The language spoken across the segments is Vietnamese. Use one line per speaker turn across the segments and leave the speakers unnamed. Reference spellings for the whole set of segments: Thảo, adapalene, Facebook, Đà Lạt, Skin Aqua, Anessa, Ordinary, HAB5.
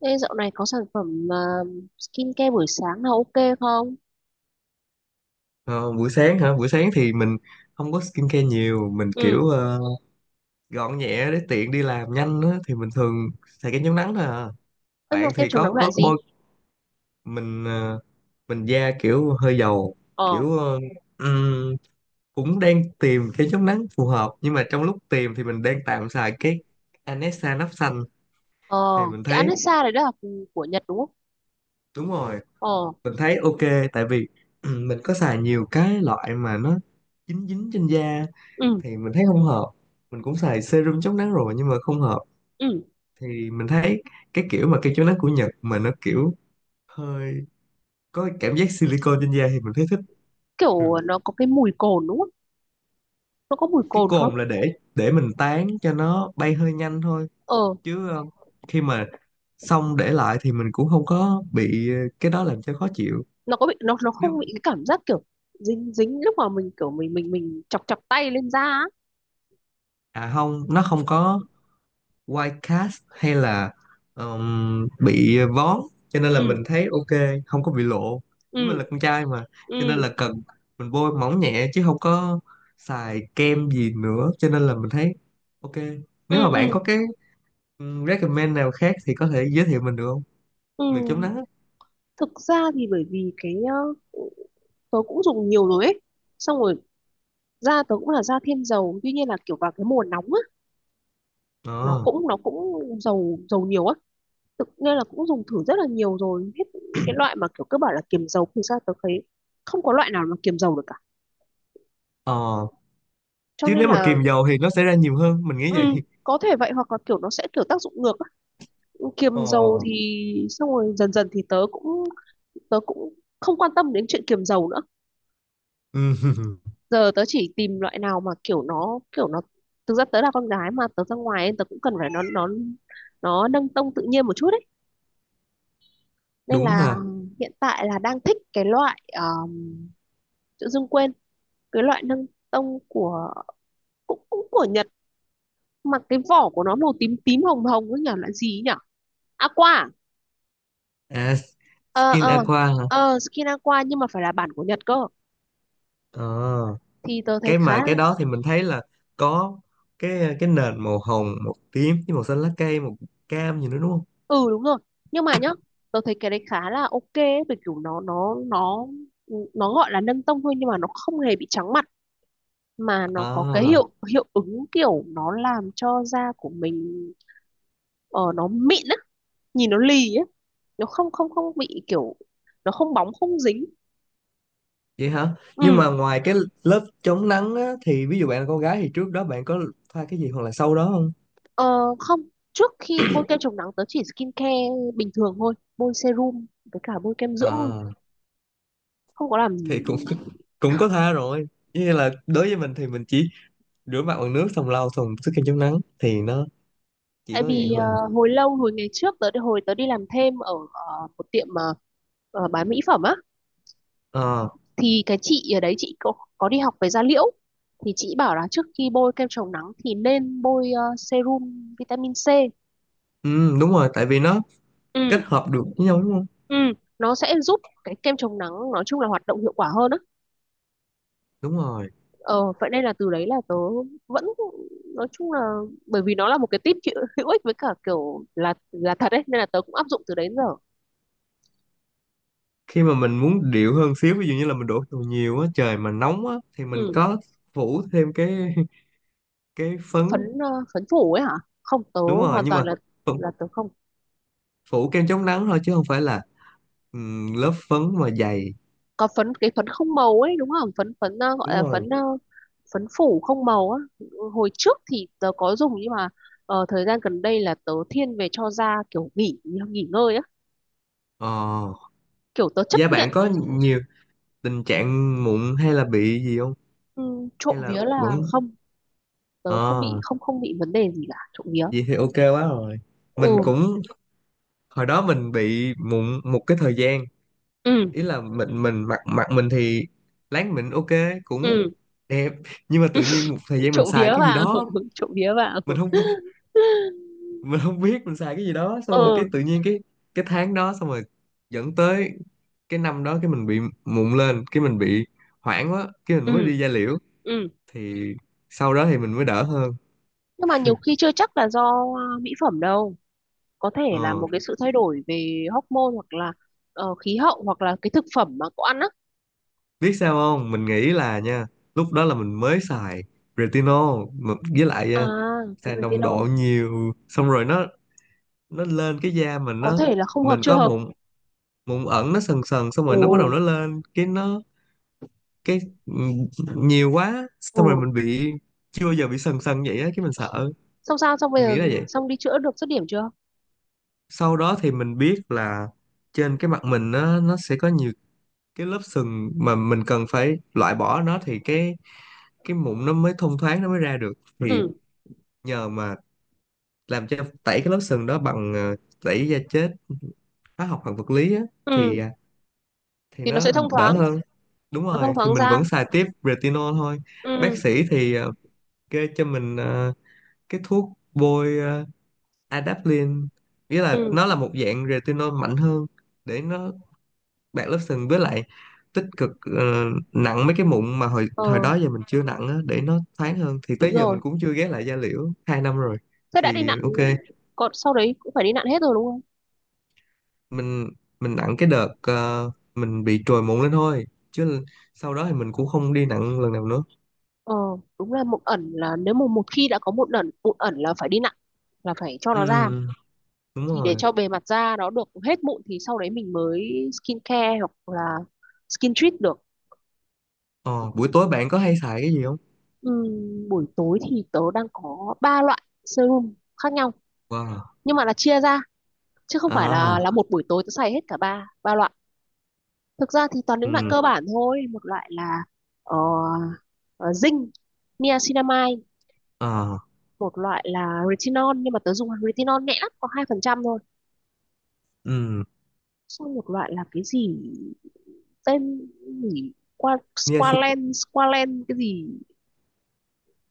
Ê, dạo này có sản phẩm skincare buổi sáng nào ok không?
Ờ, buổi sáng hả? Buổi sáng thì mình không có skincare nhiều, mình
Ừ.
kiểu gọn nhẹ để tiện đi làm nhanh á thì mình thường xài kem chống nắng thôi à.
Em mà
Bạn
kem
thì
chống
có
nắng
có
loại gì?
bôi mình mình da kiểu hơi dầu,
Ờ.
kiểu ừm, cũng đang tìm kem chống nắng phù hợp nhưng mà trong lúc tìm thì mình đang tạm xài cái Anessa nắp xanh
Ờ.
thì mình
Cái
thấy
Anessa đấy là của Nhật đúng không?
đúng rồi,
Ờ.
mình thấy ok tại vì mình có xài nhiều cái loại mà nó dính dính trên da
Ừ.
thì mình thấy không hợp. Mình cũng xài serum chống nắng rồi nhưng mà không hợp
Ừ.
thì mình thấy cái kiểu mà kem chống nắng của Nhật mà nó kiểu hơi có cái cảm giác silicone trên da thì mình thấy thích.
Kiểu
Ừ.
nó có cái mùi cồn đúng không? Nó có mùi
Cái
cồn không?
cồn là để mình tán cho nó bay hơi nhanh thôi
Ờ.
chứ khi mà xong để lại thì mình cũng không có bị cái đó làm cho khó chịu.
Nó có bị nó
Nếu
không bị cái cảm giác kiểu dính dính lúc mà mình kiểu mình chọc chọc tay lên da á.
à không nó không có white cast hay là bị vón cho nên là
Ừ.
mình thấy ok, không có bị lộ, nhưng mình
Ừ.
là con trai mà cho nên
Ừ.
là cần mình bôi mỏng nhẹ chứ không có xài kem gì nữa cho nên là mình thấy ok. Nếu
Ừ.
mà bạn
Ừ.
có cái recommend nào khác thì có thể giới thiệu mình được không,
Ừ.
được chống nắng á.
Thực ra thì bởi vì tớ cũng dùng nhiều rồi ấy, xong rồi da tớ cũng là da thiên dầu, tuy nhiên là kiểu vào cái mùa nóng á, nó
Ờ.
cũng nó cũng dầu dầu nhiều á, tự nên là cũng dùng thử rất là nhiều rồi hết những cái loại mà kiểu cứ bảo là kiềm dầu thì sao tớ thấy không có loại nào mà kiềm dầu được cả,
Ờ.
cho
Chứ
nên
nếu mà
là
kìm dầu thì nó sẽ ra nhiều hơn mình
ừ,
nghĩ vậy.
có thể vậy hoặc là kiểu nó sẽ kiểu tác dụng ngược á. Kiềm dầu
Ờ.
thì xong rồi dần dần thì tớ cũng không quan tâm đến chuyện kiềm dầu nữa. Giờ tớ chỉ tìm loại nào mà kiểu nó thực ra tớ là con gái mà, tớ ra ngoài ấy, tớ cũng cần phải nó nâng tông tự nhiên một chút ấy, nên
Đúng
là
ha.
hiện tại là đang thích cái loại tự dưng quên cái loại nâng tông của cũng cũng của Nhật, mà cái vỏ của nó màu tím tím hồng hồng ấy nhỉ, loại gì ấy nhỉ, aqua à?
À,
Ờ. Ừ.
skin
Ờ.
aqua hả.
Ờ skin aqua, nhưng mà phải là bản của Nhật cơ,
Ờ,
thì tớ thấy
cái
khá
mà cái đó thì mình thấy là có cái nền màu hồng màu tím với màu xanh lá cây màu cam gì nữa đúng không.
ừ đúng rồi. Nhưng mà nhá, tớ thấy cái đấy khá là ok ấy, bởi kiểu nó ừ, nó gọi là nâng tông thôi nhưng mà nó không hề bị trắng mặt, mà nó có cái
À,
hiệu hiệu ứng kiểu nó làm cho da của mình ờ, nó mịn á, nhìn nó lì á, nó không không không bị kiểu nó không bóng không dính.
vậy hả, nhưng
Ừ.
mà ngoài cái lớp chống nắng á, thì ví dụ bạn là con gái thì trước đó bạn có thoa cái gì hoặc là sau đó không.
ờ, không, trước khi bôi kem chống nắng tớ chỉ skin care bình thường thôi, bôi serum với cả bôi kem dưỡng thôi,
À
không có làm gì.
thì cũng cũng có tha rồi, như là đối với mình thì mình chỉ rửa mặt bằng nước xong lau xong sức kem chống nắng thì nó chỉ
Tại
có vậy
vì
thôi à.
hồi lâu hồi ngày trước tớ hồi tớ đi làm thêm ở một tiệm bán mỹ phẩm á,
Ờ,
thì cái chị ở đấy chị có đi học về da liễu, thì chị bảo là trước khi bôi kem chống nắng thì nên bôi serum vitamin C.
ừ, đúng rồi tại vì nó kết
Ừ.
hợp được với nhau đúng không.
Ừ, nó sẽ giúp cái kem chống nắng nói chung là hoạt động hiệu quả hơn á.
Đúng rồi.
Ờ, vậy nên là từ đấy là tớ vẫn nói chung là bởi vì nó là một cái tip hữu hữu ích với cả kiểu là thật đấy, nên là tớ cũng áp dụng từ đấy đến giờ.
Khi mà mình muốn điệu hơn xíu ví dụ như là mình đổ dầu nhiều á trời mà nóng á thì mình
Ừ.
có phủ thêm cái cái phấn.
Phấn phấn phủ ấy hả? Không, tớ
Đúng rồi,
hoàn
nhưng
toàn
mà phủ,
là tớ không
phủ kem chống nắng thôi chứ không phải là lớp phấn mà dày.
có phấn, cái phấn không màu ấy đúng không, phấn phấn gọi
Đúng
là
rồi.
phấn phấn phủ không màu á. Hồi trước thì tớ có dùng nhưng mà ờ, thời gian gần đây là tớ thiên về cho da kiểu nghỉ nghỉ ngơi á,
Ờ,
kiểu tớ chấp
da
nhận.
bạn có nhiều tình trạng mụn hay là bị gì không,
Ừ, trộm
hay là
vía là
vẫn.
không, tớ không bị
Ờ
không không bị vấn đề gì cả, trộm vía.
vậy thì ok quá rồi. Mình
Ừ.
cũng hồi đó mình bị mụn một cái thời gian,
Ừ.
ý là mình mặc mặc mình thì láng mình ok cũng
Ừ.
đẹp, nhưng mà tự nhiên một thời gian mình
Trộm
xài
vía
cái gì
vào
đó,
trộm vía vào.
mình không mình không biết mình xài cái gì đó xong rồi cái
Ừ.
tự nhiên cái tháng đó xong rồi dẫn tới cái năm đó cái mình bị mụn lên cái mình bị hoảng quá cái
Ừ.
mình mới đi da liễu
Ừ.
thì sau đó thì mình mới đỡ hơn.
Nhưng mà nhiều khi chưa chắc là do mỹ phẩm đâu, có thể là
Ờ.
một cái sự thay đổi về hormone hoặc là khí hậu hoặc là cái thực phẩm mà cậu ăn á.
Biết sao không mình nghĩ là nha lúc đó là mình mới xài retinol mà với lại
À,
xài nồng
retinol,
độ nhiều xong rồi nó lên cái da mình
có
nó
thể là không hợp
mình
chưa
có
hợp.
mụn mụn ẩn nó sần sần xong rồi
Ồ.
nó bắt đầu nó lên cái nó cái nhiều quá
Ồ.
xong rồi mình bị chưa bao giờ bị sần sần vậy á cái mình sợ,
Xong sao xong bây
mình
giờ,
nghĩ là vậy.
xong đi chữa được dứt điểm chưa?
Sau đó thì mình biết là trên cái mặt mình nó sẽ có nhiều cái lớp sừng mà mình cần phải loại bỏ nó thì cái mụn nó mới thông thoáng nó mới ra được thì
Ừ.
nhờ mà làm cho tẩy cái lớp sừng đó bằng tẩy da chết hóa học hoặc vật lý á thì
Ừ
à, thì
thì nó
nó
sẽ thông
đỡ
thoáng,
hơn. Đúng
nó thông
rồi thì
thoáng
mình
ra.
vẫn xài tiếp retinol thôi.
Ừ.
Bác sĩ thì kê cho mình cái thuốc bôi adapalene, nghĩa là
Ừ.
nó là một dạng retinol mạnh hơn để nó bạc lớp sừng với lại tích cực ờ, nặng mấy cái mụn mà hồi
Ờ
hồi đó giờ mình chưa nặng á, để nó thoáng hơn thì tới
đúng
giờ mình
rồi,
cũng chưa ghé lại da liễu hai năm rồi
thế đã đi
thì
nặn
ok.
còn sau đấy cũng phải đi nặn hết rồi đúng không?
Mình mình nặng cái đợt mình bị trồi mụn lên thôi chứ sau đó thì mình cũng không đi nặng lần nào nữa.
Ờ đúng là mụn ẩn là nếu mà một khi đã có mụn ẩn, mụn ẩn là phải đi nặn, là phải cho
Ừ
nó ra,
đúng
thì để
rồi.
cho bề mặt da nó được hết mụn thì sau đấy mình mới skin care hoặc là skin treat được.
Ờ, buổi tối bạn có hay xài cái gì không?
Buổi tối thì tớ đang có ba loại serum khác nhau,
Wow.
nhưng mà là chia ra chứ không phải
À,
là một buổi tối tớ xài hết cả ba ba loại. Thực ra thì toàn những loại
ừ,
cơ bản thôi, một loại là ờ, ờ, zinc niacinamide.
à,
Một loại là retinol, nhưng mà tớ dùng retinol nhẹ lắm, có 2% thôi.
ừ.
Xong một loại là cái gì tên gì qua
Nghe xem.
Squalen Squalen cái gì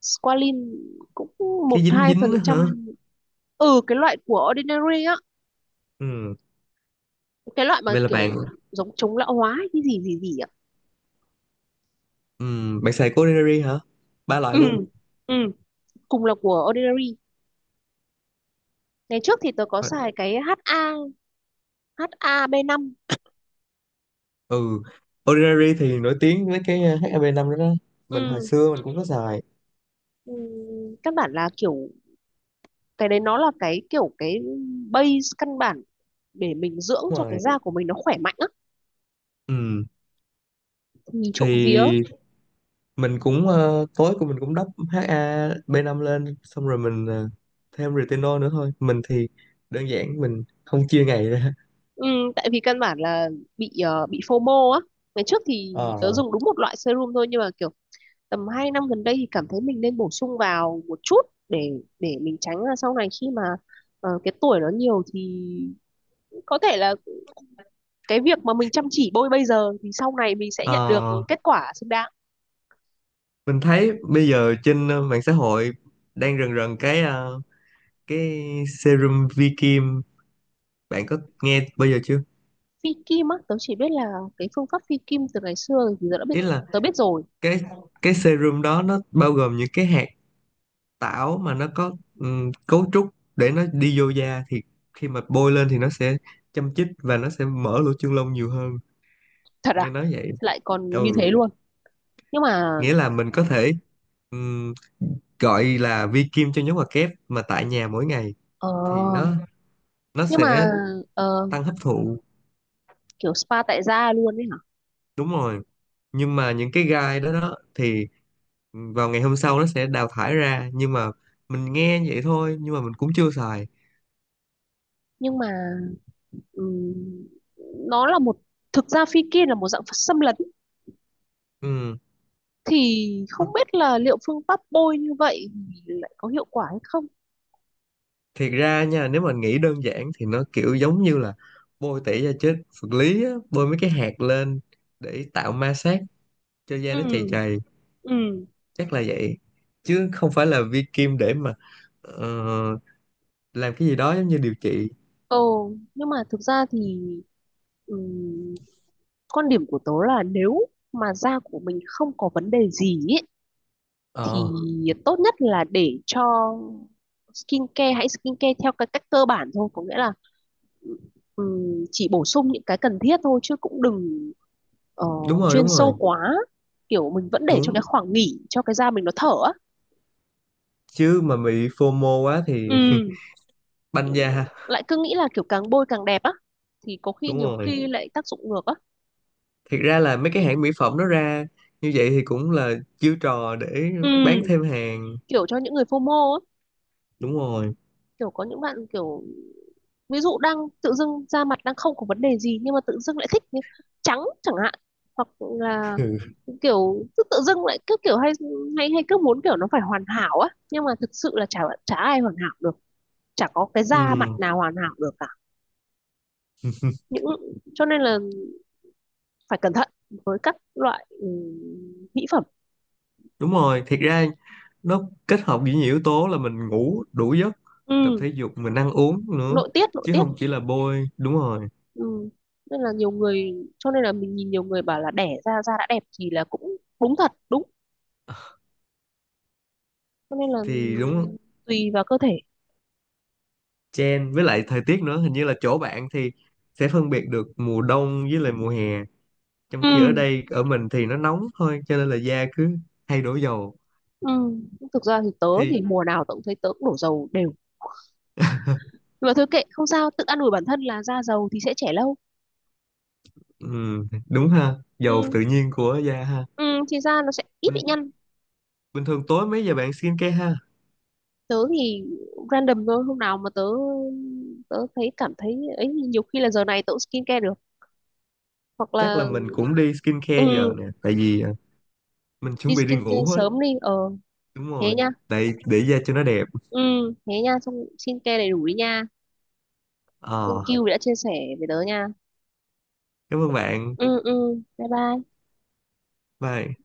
Squalin cũng
Cái
một
dính
hai phần
dính đó hả?
trăm Ừ, cái loại của Ordinary á,
Ừ.
cái loại mà
Vậy là bạn
kiểu giống chống lão hóa cái gì gì gì ạ.
ừ, bạn xài của Ordinary hả? Ba loại
Ừ.
luôn.
Ừ, cùng là của Ordinary. Ngày trước thì tớ có
Ờ,
xài cái HA, HAB5.
ừ. Ordinary thì nổi tiếng với cái HAB5 đó đó. Mình hồi
Ừ.
xưa mình cũng có xài.
Ừ, căn bản là kiểu cái đấy nó là cái kiểu cái base căn bản để mình dưỡng
Đúng
cho cái
rồi.
da của mình nó khỏe mạnh á,
Ừ.
nhìn trộm vía.
Thì mình cũng tối của mình cũng đắp HAB5 lên xong rồi mình thêm retinol nữa thôi. Mình thì đơn giản mình không chia ngày ra.
Ừ, tại vì căn bản là bị bị FOMO á. Ngày trước thì
Ờ.
tớ dùng đúng một loại serum thôi nhưng mà kiểu tầm 2 năm gần đây thì cảm thấy mình nên bổ sung vào một chút để để mình tránh là sau này khi mà cái tuổi nó nhiều thì có thể là cái việc mà mình chăm chỉ bôi bây giờ thì sau này mình sẽ nhận được
Ờ
kết quả xứng đáng.
mình thấy bây giờ trên mạng xã hội đang rần rần cái cái serum vi kim, bạn có nghe bao giờ chưa.
Phi kim á, tớ chỉ biết là cái phương pháp phi kim từ ngày xưa thì tớ đã biết,
Ý là
tớ biết rồi.
cái cái serum đó nó bao gồm những cái hạt tảo mà nó có cấu trúc để nó đi vô da thì khi mà bôi lên thì nó sẽ châm chích và nó sẽ mở lỗ chân lông nhiều hơn,
Thật
nghe
à?
nói vậy.
Lại còn như
Ừ.
thế luôn. Nhưng mà
Nghĩa là mình có thể ừm, gọi là vi kim cho nhóm hoạt kép mà tại nhà mỗi ngày
ờ
thì nó
nhưng mà
sẽ
ờ,
tăng hấp thụ.
kiểu spa tại gia luôn ấy hả?
Đúng rồi, nhưng mà những cái gai đó đó thì vào ngày hôm sau nó sẽ đào thải ra, nhưng mà mình nghe vậy thôi nhưng mà mình cũng chưa xài.
Nhưng mà ừm, nó là một thực ra phi kim là một dạng xâm lấn,
Ừ.
thì không biết là liệu phương pháp bôi như vậy thì lại có hiệu quả hay không.
Thiệt ra nha nếu mà nghĩ đơn giản thì nó kiểu giống như là bôi tẩy da chết vật lý á, bôi mấy cái hạt lên để tạo ma sát cho da nó chày
Ừ.
chày,
Ừ.
chắc là vậy, chứ không phải là vi kim để mà ờ, làm cái gì đó giống như điều trị.
Ồ. Nhưng mà thực ra thì ừm, quan điểm của tớ là nếu mà da của mình không có vấn đề gì ấy, thì
Ờ
tốt nhất là để cho skincare, hãy skincare theo cái cách cơ bản thôi, có nghĩa là ừm, chỉ bổ sung những cái cần thiết thôi chứ cũng đừng ờ,
đúng rồi
chuyên
đúng rồi
sâu quá, kiểu mình vẫn để cho
đúng.
cái khoảng nghỉ cho cái da mình nó thở á.
Chứ mà bị phô FOMO quá thì
Ừ.
banh da ha.
Lại cứ nghĩ là kiểu càng bôi càng đẹp á thì có khi
Đúng
nhiều
rồi,
khi lại tác dụng ngược á.
thiệt ra là mấy cái hãng mỹ phẩm nó ra như vậy thì cũng là chiêu trò để bán
Ừ,
thêm hàng.
kiểu cho những người FOMO á,
Đúng rồi.
kiểu có những bạn kiểu ví dụ đang tự dưng da mặt đang không có vấn đề gì nhưng mà tự dưng lại thích như trắng chẳng hạn, hoặc là
Ừ.
kiểu cứ tự dưng lại cứ kiểu hay hay hay cứ muốn kiểu nó phải hoàn hảo á, nhưng mà thực sự là chả chả ai hoàn hảo được, chả có cái da mặt
Ừ,
nào hoàn hảo được cả, những cho nên là phải cẩn thận với các loại mỹ phẩm.
đúng rồi, thiệt ra nó kết hợp với nhiều yếu tố là mình ngủ đủ giấc, tập
Ừ,
thể dục, mình ăn uống nữa
nội tiết nội
chứ
tiết
không chỉ là bôi, đúng rồi.
Ừ. Nên là nhiều người cho nên là mình nhìn nhiều người bảo là đẻ ra da đã đẹp thì là cũng đúng thật đúng, cho nên là
Thì đúng
tùy vào cơ thể.
trend với lại thời tiết nữa, hình như là chỗ bạn thì sẽ phân biệt được mùa đông với lại mùa hè, trong
Ừ.
khi ở đây ở mình thì nó nóng thôi cho nên là da cứ hay đổ dầu.
Ừ. Thực ra thì tớ
Thì
thì mùa nào tớ cũng thấy tớ cũng đổ dầu đều, nhưng mà thôi kệ không sao, tự an ủi bản thân là da dầu thì sẽ trẻ lâu.
ừ, đúng ha, dầu
Ừ.
tự nhiên của da ha.
Ừ thì da nó sẽ ít bị
Bình,
nhăn.
bình thường tối mấy giờ bạn skincare ha?
Tớ thì random thôi, hôm nào mà tớ tớ thấy cảm thấy ấy nhiều khi là giờ này tớ cũng skincare được, hoặc
Chắc
là
là mình cũng đi skincare giờ
ừ
nè, tại vì à, mình
đi
chuẩn bị đi ngủ
skincare
hết.
sớm đi. Ờ
Đúng
thế
rồi,
nha.
tại để da cho nó đẹp.
Ừ thế nha, xong skincare đầy đủ đi nha, thank
Ờ,
you vì đã chia sẻ với tớ nha.
cảm ơn bạn.
Ừ ừ bye bye.
Bye.